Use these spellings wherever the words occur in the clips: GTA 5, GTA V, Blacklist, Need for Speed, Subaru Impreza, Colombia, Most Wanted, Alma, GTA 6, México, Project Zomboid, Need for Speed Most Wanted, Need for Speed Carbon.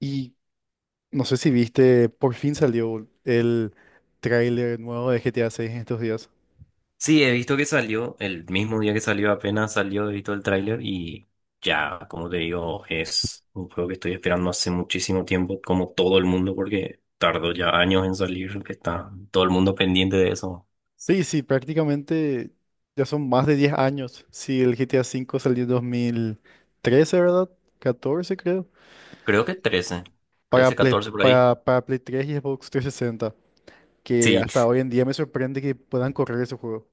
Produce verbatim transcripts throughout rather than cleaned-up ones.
Y no sé si viste, por fin salió el tráiler nuevo de G T A seis en estos días. Sí, he visto que salió, el mismo día que salió, apenas salió, he visto el tráiler y ya, como te digo, es un juego que estoy esperando hace muchísimo tiempo, como todo el mundo, porque tardó ya años en salir, que está todo el mundo pendiente de eso. Sí, sí, prácticamente ya son más de diez años. Sí, el G T A cinco salió en dos mil trece, ¿verdad? Catorce, creo. Creo que trece Para trece Play, catorce por ahí. para, para Play tres y Xbox trescientos sesenta. Que Sí, hasta hoy en día me sorprende que puedan correr ese juego.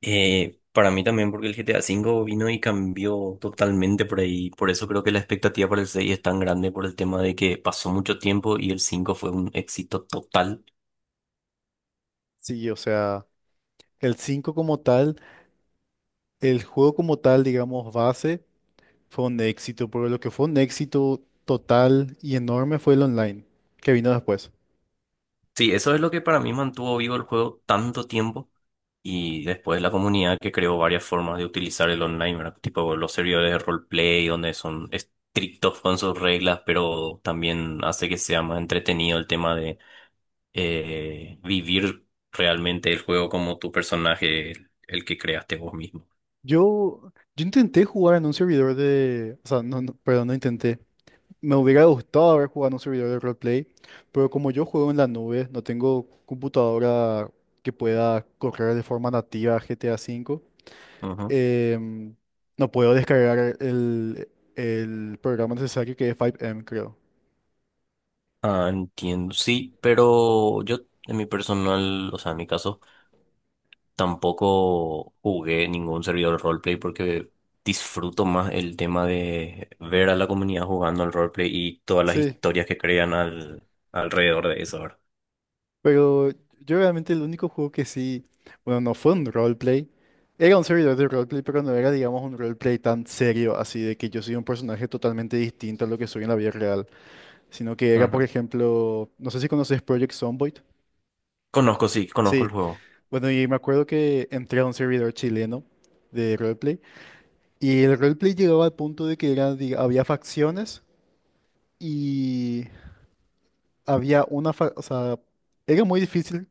eh, para mí también, porque el G T A V vino y cambió totalmente por ahí, por eso creo que la expectativa para el seis es tan grande por el tema de que pasó mucho tiempo y el cinco fue un éxito total. Sí, o sea, el cinco como tal, el juego como tal, digamos, base. Fue un éxito, porque lo que fue un éxito total y enorme fue el online, que vino después. Sí, eso es lo que para mí mantuvo vivo el juego tanto tiempo y después la comunidad que creó varias formas de utilizar el online, ¿verdad? Tipo los servidores de roleplay donde son estrictos con sus reglas, pero también hace que sea más entretenido el tema de eh, vivir realmente el juego como tu personaje, el que creaste vos mismo. Yo, yo intenté jugar en un servidor de... O sea, no, no, perdón, no intenté. Me hubiera gustado haber jugado en un servidor de roleplay, pero como yo juego en la nube, no tengo computadora que pueda correr de forma nativa G T A V, Ujú. em, no puedo descargar el, el programa necesario que es cinco eme, creo. Ah, entiendo, sí, pero yo en mi personal, o sea, en mi caso... Tampoco jugué ningún servidor roleplay porque disfruto más el tema de ver a la comunidad jugando al roleplay y todas las Sí. historias que crean al, alrededor de eso, ¿verdad? Pero yo realmente el único juego que sí, bueno, no fue un roleplay. Era un servidor de roleplay, pero no era, digamos, un roleplay tan serio, así de que yo soy un personaje totalmente distinto a lo que soy en la vida real, sino que era, por Ajá. ejemplo, no sé si conoces Project Zomboid. Conozco, sí, conozco el Sí, juego. bueno, y me acuerdo que entré a un servidor chileno de roleplay, y el roleplay llegaba al punto de que era, diga- había facciones y había una, fa- o sea, era muy difícil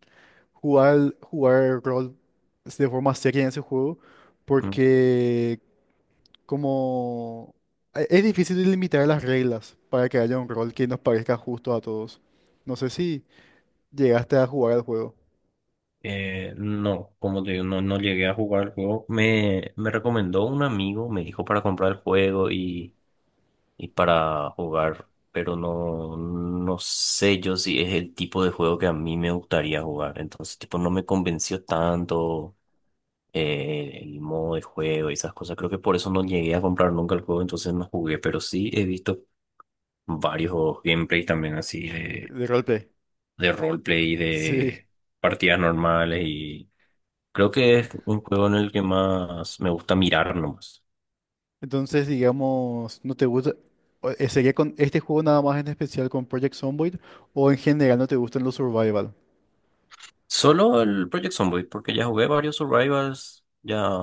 jugar, jugar rol, pues, de forma seria en ese juego, Mm. porque como e- es difícil limitar las reglas para que haya un rol que nos parezca justo a todos. No sé si llegaste a jugar al juego Eh, no, como te digo, no, no llegué a jugar el juego. Me, me recomendó un amigo, me dijo para comprar el juego y, y para jugar, pero no, no sé yo si es el tipo de juego que a mí me gustaría jugar. Entonces, tipo, no me convenció tanto. Eh, el modo de juego y esas cosas. Creo que por eso no llegué a comprar nunca el juego, entonces no jugué, pero sí he visto varios gameplays también así de de, de roleplay. de roleplay, Sí. de partidas normales, y creo que es un juego en el que más me gusta mirar nomás. Entonces, digamos, ¿no te gusta? o- eh, ¿Sería con este juego nada más, en especial con Project Zomboid, o en general no te gustan los survival? Solo el Project Zomboid, porque ya jugué varios Survivals, ya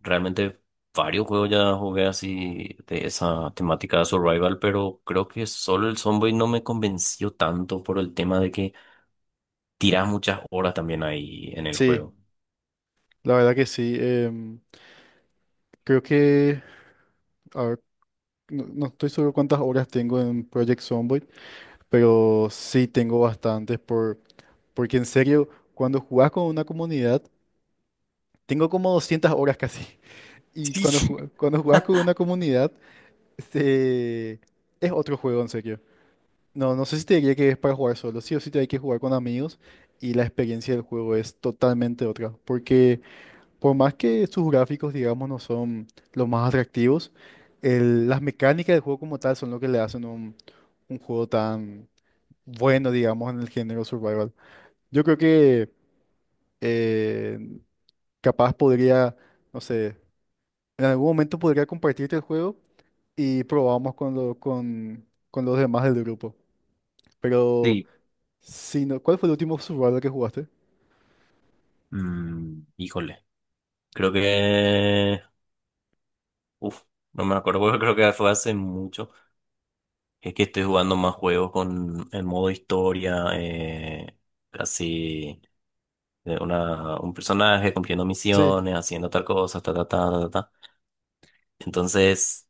realmente varios juegos ya jugué así de esa temática de Survival, pero creo que solo el Zomboid no me convenció tanto por el tema de que tirás muchas horas también ahí en el Sí, juego. la verdad que sí. em, creo que... A ver, no, no estoy seguro cuántas horas tengo en Project Zomboid, pero sí tengo bastantes por, porque, en serio, cuando jugás con una comunidad, tengo como doscientas horas casi. Y cuando, Sí. ju- cuando jugás con una comunidad, se- es otro juego, en serio. No, no sé si te diría que es para jugar solo, sí o sí te hay que jugar con amigos, y la experiencia del juego es totalmente otra. Porque Por más que sus gráficos, digamos, no son los más atractivos, el- las mecánicas del juego como tal son lo que le hacen un, un juego tan bueno, digamos, en el género survival. Yo creo que eh, capaz podría, no sé, en algún momento podría compartirte el juego y probamos con, lo- con, con los demás del grupo. Pero, Sí. si no, ¿cuál fue el último survival que jugaste? Mm, híjole. Creo que... Uf, no me acuerdo porque creo que fue hace mucho. Es que estoy jugando más juegos con el modo historia, eh, casi de una, un personaje cumpliendo Sí. misiones, haciendo tal cosa, ta, ta, ta, ta, ta. Ta. Entonces,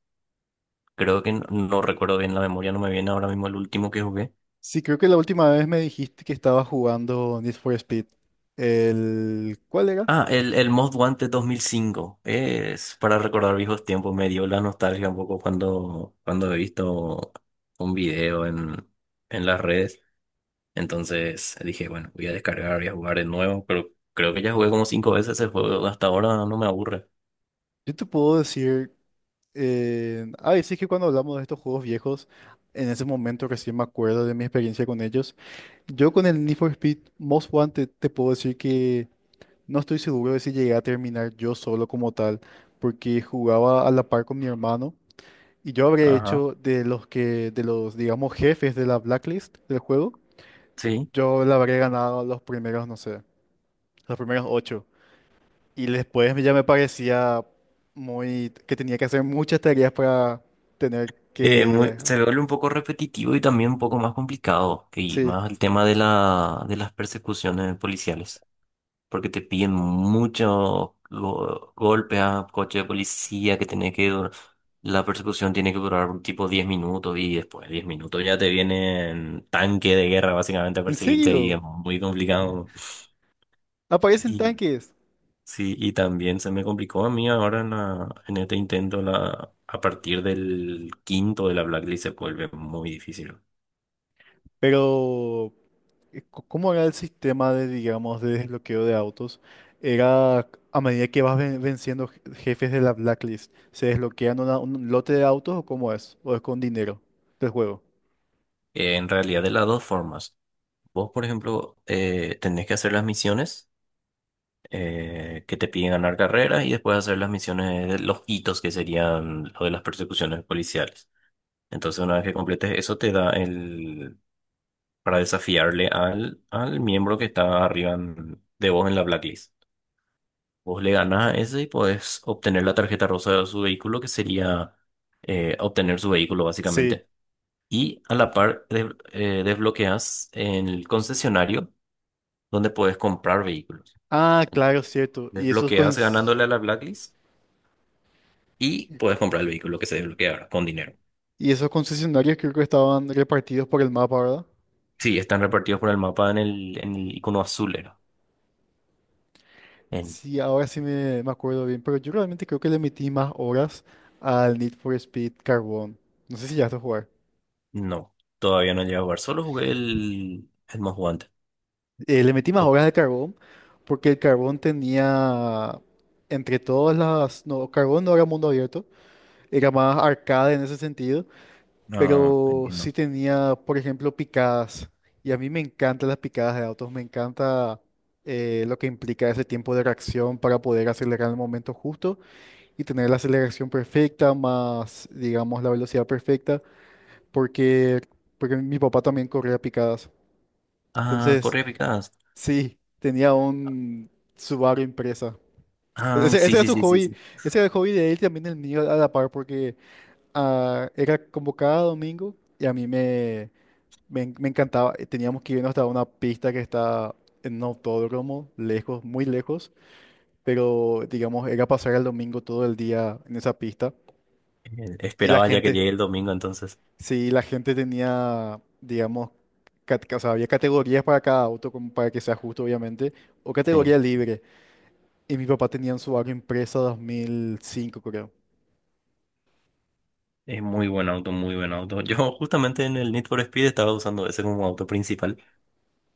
creo que no, no recuerdo bien la memoria, no me viene ahora mismo el último que jugué. Sí, creo que la última vez me dijiste que estabas jugando Need for Speed. El... ¿Cuál era? Ah, el, el Most Wanted dos mil cinco. Es para recordar viejos tiempos. Me dio la nostalgia un poco cuando, cuando he visto un video en, en las redes. Entonces dije, bueno, voy a descargar, voy a jugar de nuevo. Pero creo que ya jugué como cinco veces ese juego. Hasta ahora no me aburre. Yo te puedo decir... Eh... Ah, y sí, que cuando hablamos de estos juegos viejos, en ese momento recién me acuerdo de mi experiencia con ellos. Yo con el Need for Speed Most Wanted te puedo decir que no estoy seguro de si llegué a terminar yo solo como tal, porque jugaba a la par con mi hermano, y yo habré Ajá. hecho de los que, de los, digamos, jefes de la blacklist del juego. Sí. Yo le habré ganado los primeros, no sé, los primeros ocho. Y después ya me parecía muy... que tenía que hacer muchas tareas para tener Eh, muy- que... se ah. vuelve un poco repetitivo y también un poco más complicado. Y Sí, más el tema de la, de las persecuciones policiales. Porque te piden muchos go- golpe a coche de policía que tiene que dur- la persecución tiene que durar tipo diez minutos y después de diez minutos ya te vienen tanque de guerra básicamente a en perseguirte y serio, es muy complicado. aparecen Y tanques. sí, y también se me complicó a mí ahora en, la- en este intento la, a partir del quinto de la Blacklist se vuelve muy difícil. Pero, eh, co- ¿cómo era el sistema de, digamos, de desbloqueo de autos? Era a medida que vas ven- venciendo je- jefes de la blacklist, ¿se desbloquean una- un lote de autos, o cómo es? ¿O es con dinero del juego? Eh, en realidad de las dos formas. Vos, por ejemplo, eh, tenés que hacer las misiones eh, que te piden ganar carreras y después hacer las misiones, de los hitos que serían lo de las persecuciones policiales. Entonces, una vez que completes eso, te da el para desafiarle al, al miembro que está arriba en- de vos en la blacklist. Vos le ganas a ese y podés obtener la tarjeta rosa de su vehículo, que sería eh, obtener su vehículo Sí. básicamente. Y a la par de- eh, desbloqueas el concesionario donde puedes comprar vehículos. Ah, claro, Entonces cierto. Y esos con... desbloqueas ganándole a la Blacklist y puedes comprar el vehículo que se desbloquea ahora con dinero. Y esos concesionarios creo que estaban repartidos por el mapa, ¿verdad? Sí, están repartidos por el mapa en el, en el icono azul, era. En- Sí, ahora sí me, me acuerdo bien, pero yo realmente creo que le metí más horas al Need for Speed Carbón. No sé si ya a jugar. no, todavía no he llegado a jugar. Solo jugué el, el Most Wanted. Eh, le metí más Ok. horas de Carbón, porque el Carbón tenía, entre todas las... No, Carbón no era mundo abierto, era más arcade en ese sentido, No, pero sí entiendo. tenía, por ejemplo, picadas. Y a mí me encantan las picadas de autos, me encanta eh, lo que implica ese tiempo de reacción para poder acelerar en el momento justo y tener la aceleración perfecta más, digamos, la velocidad perfecta, porque, porque mi papá también corría picadas. Ah, Entonces, corre eficaz. sí, tenía un Subaru Impreza. Ah, Ese, ese sí, era sí, su sí, sí, hobby, sí. ese era el hobby de él, también el mío a la par, porque ah, era como cada domingo, y a mí me... Me, en- me encantaba. eh, Teníamos que irnos hasta una pista que está en un autódromo, lejos, muy lejos, pero, digamos, era pasar el domingo todo el día en esa pista. Eh, Y la Esperaba ya que gente, llegue el domingo, entonces. sí, la gente tenía, digamos, cat- o sea, había categorías para cada auto, como para que sea justo, obviamente, o Sí, categoría libre. Y mi papá tenía en su auto Impresa dos mil cinco, creo. es muy buen auto, muy buen auto. Yo justamente en el Need for Speed estaba usando ese como auto principal,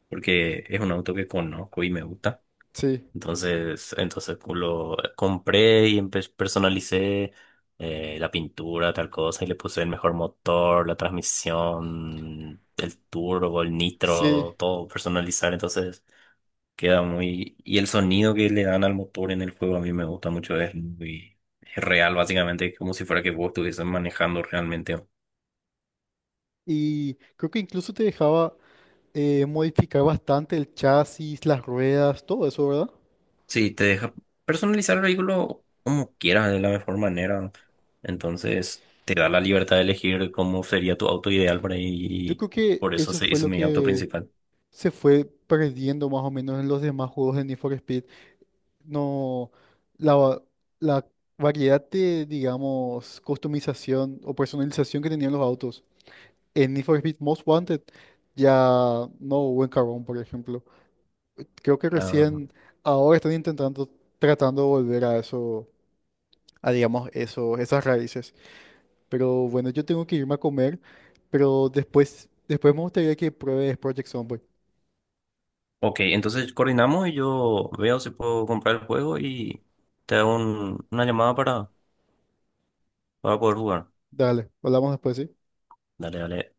porque es un auto que conozco y me gusta. Sí, Entonces, entonces pues, lo compré y empe- personalicé eh, la pintura, tal cosa, y le puse el mejor motor, la transmisión, el turbo, el sí. nitro, todo personalizar. Entonces queda muy... Y el sonido que le dan al motor en el juego a mí me gusta mucho, es muy, es real, básicamente, como si fuera que vos estuvieses manejando realmente. Y creo que incluso te dejaba eh, modificar bastante el chasis, las ruedas, todo eso, ¿verdad? Sí, te deja personalizar el vehículo como quieras, de la mejor manera. Entonces, te da la libertad de elegir cómo sería tu auto ideal por ahí. Yo Y creo que por eso eso se fue hizo lo mi auto que principal. se fue perdiendo más o menos en los demás juegos de Need for Speed. No, la, va- la variedad de, digamos, customización o personalización que tenían los autos. En Need for Speed Most Wanted ya no hubo, en Carbón, por ejemplo. Creo que Ah, recién ahora están intentando, tratando de volver a eso, a, digamos, eso, esas raíces. Pero, bueno, yo tengo que irme a comer, pero después, después me gustaría que pruebes Project Zomboid. ok, entonces coordinamos y yo veo si puedo comprar el juego y te hago un- una llamada para, para poder jugar. Dale, hablamos después, ¿sí? Dale, dale.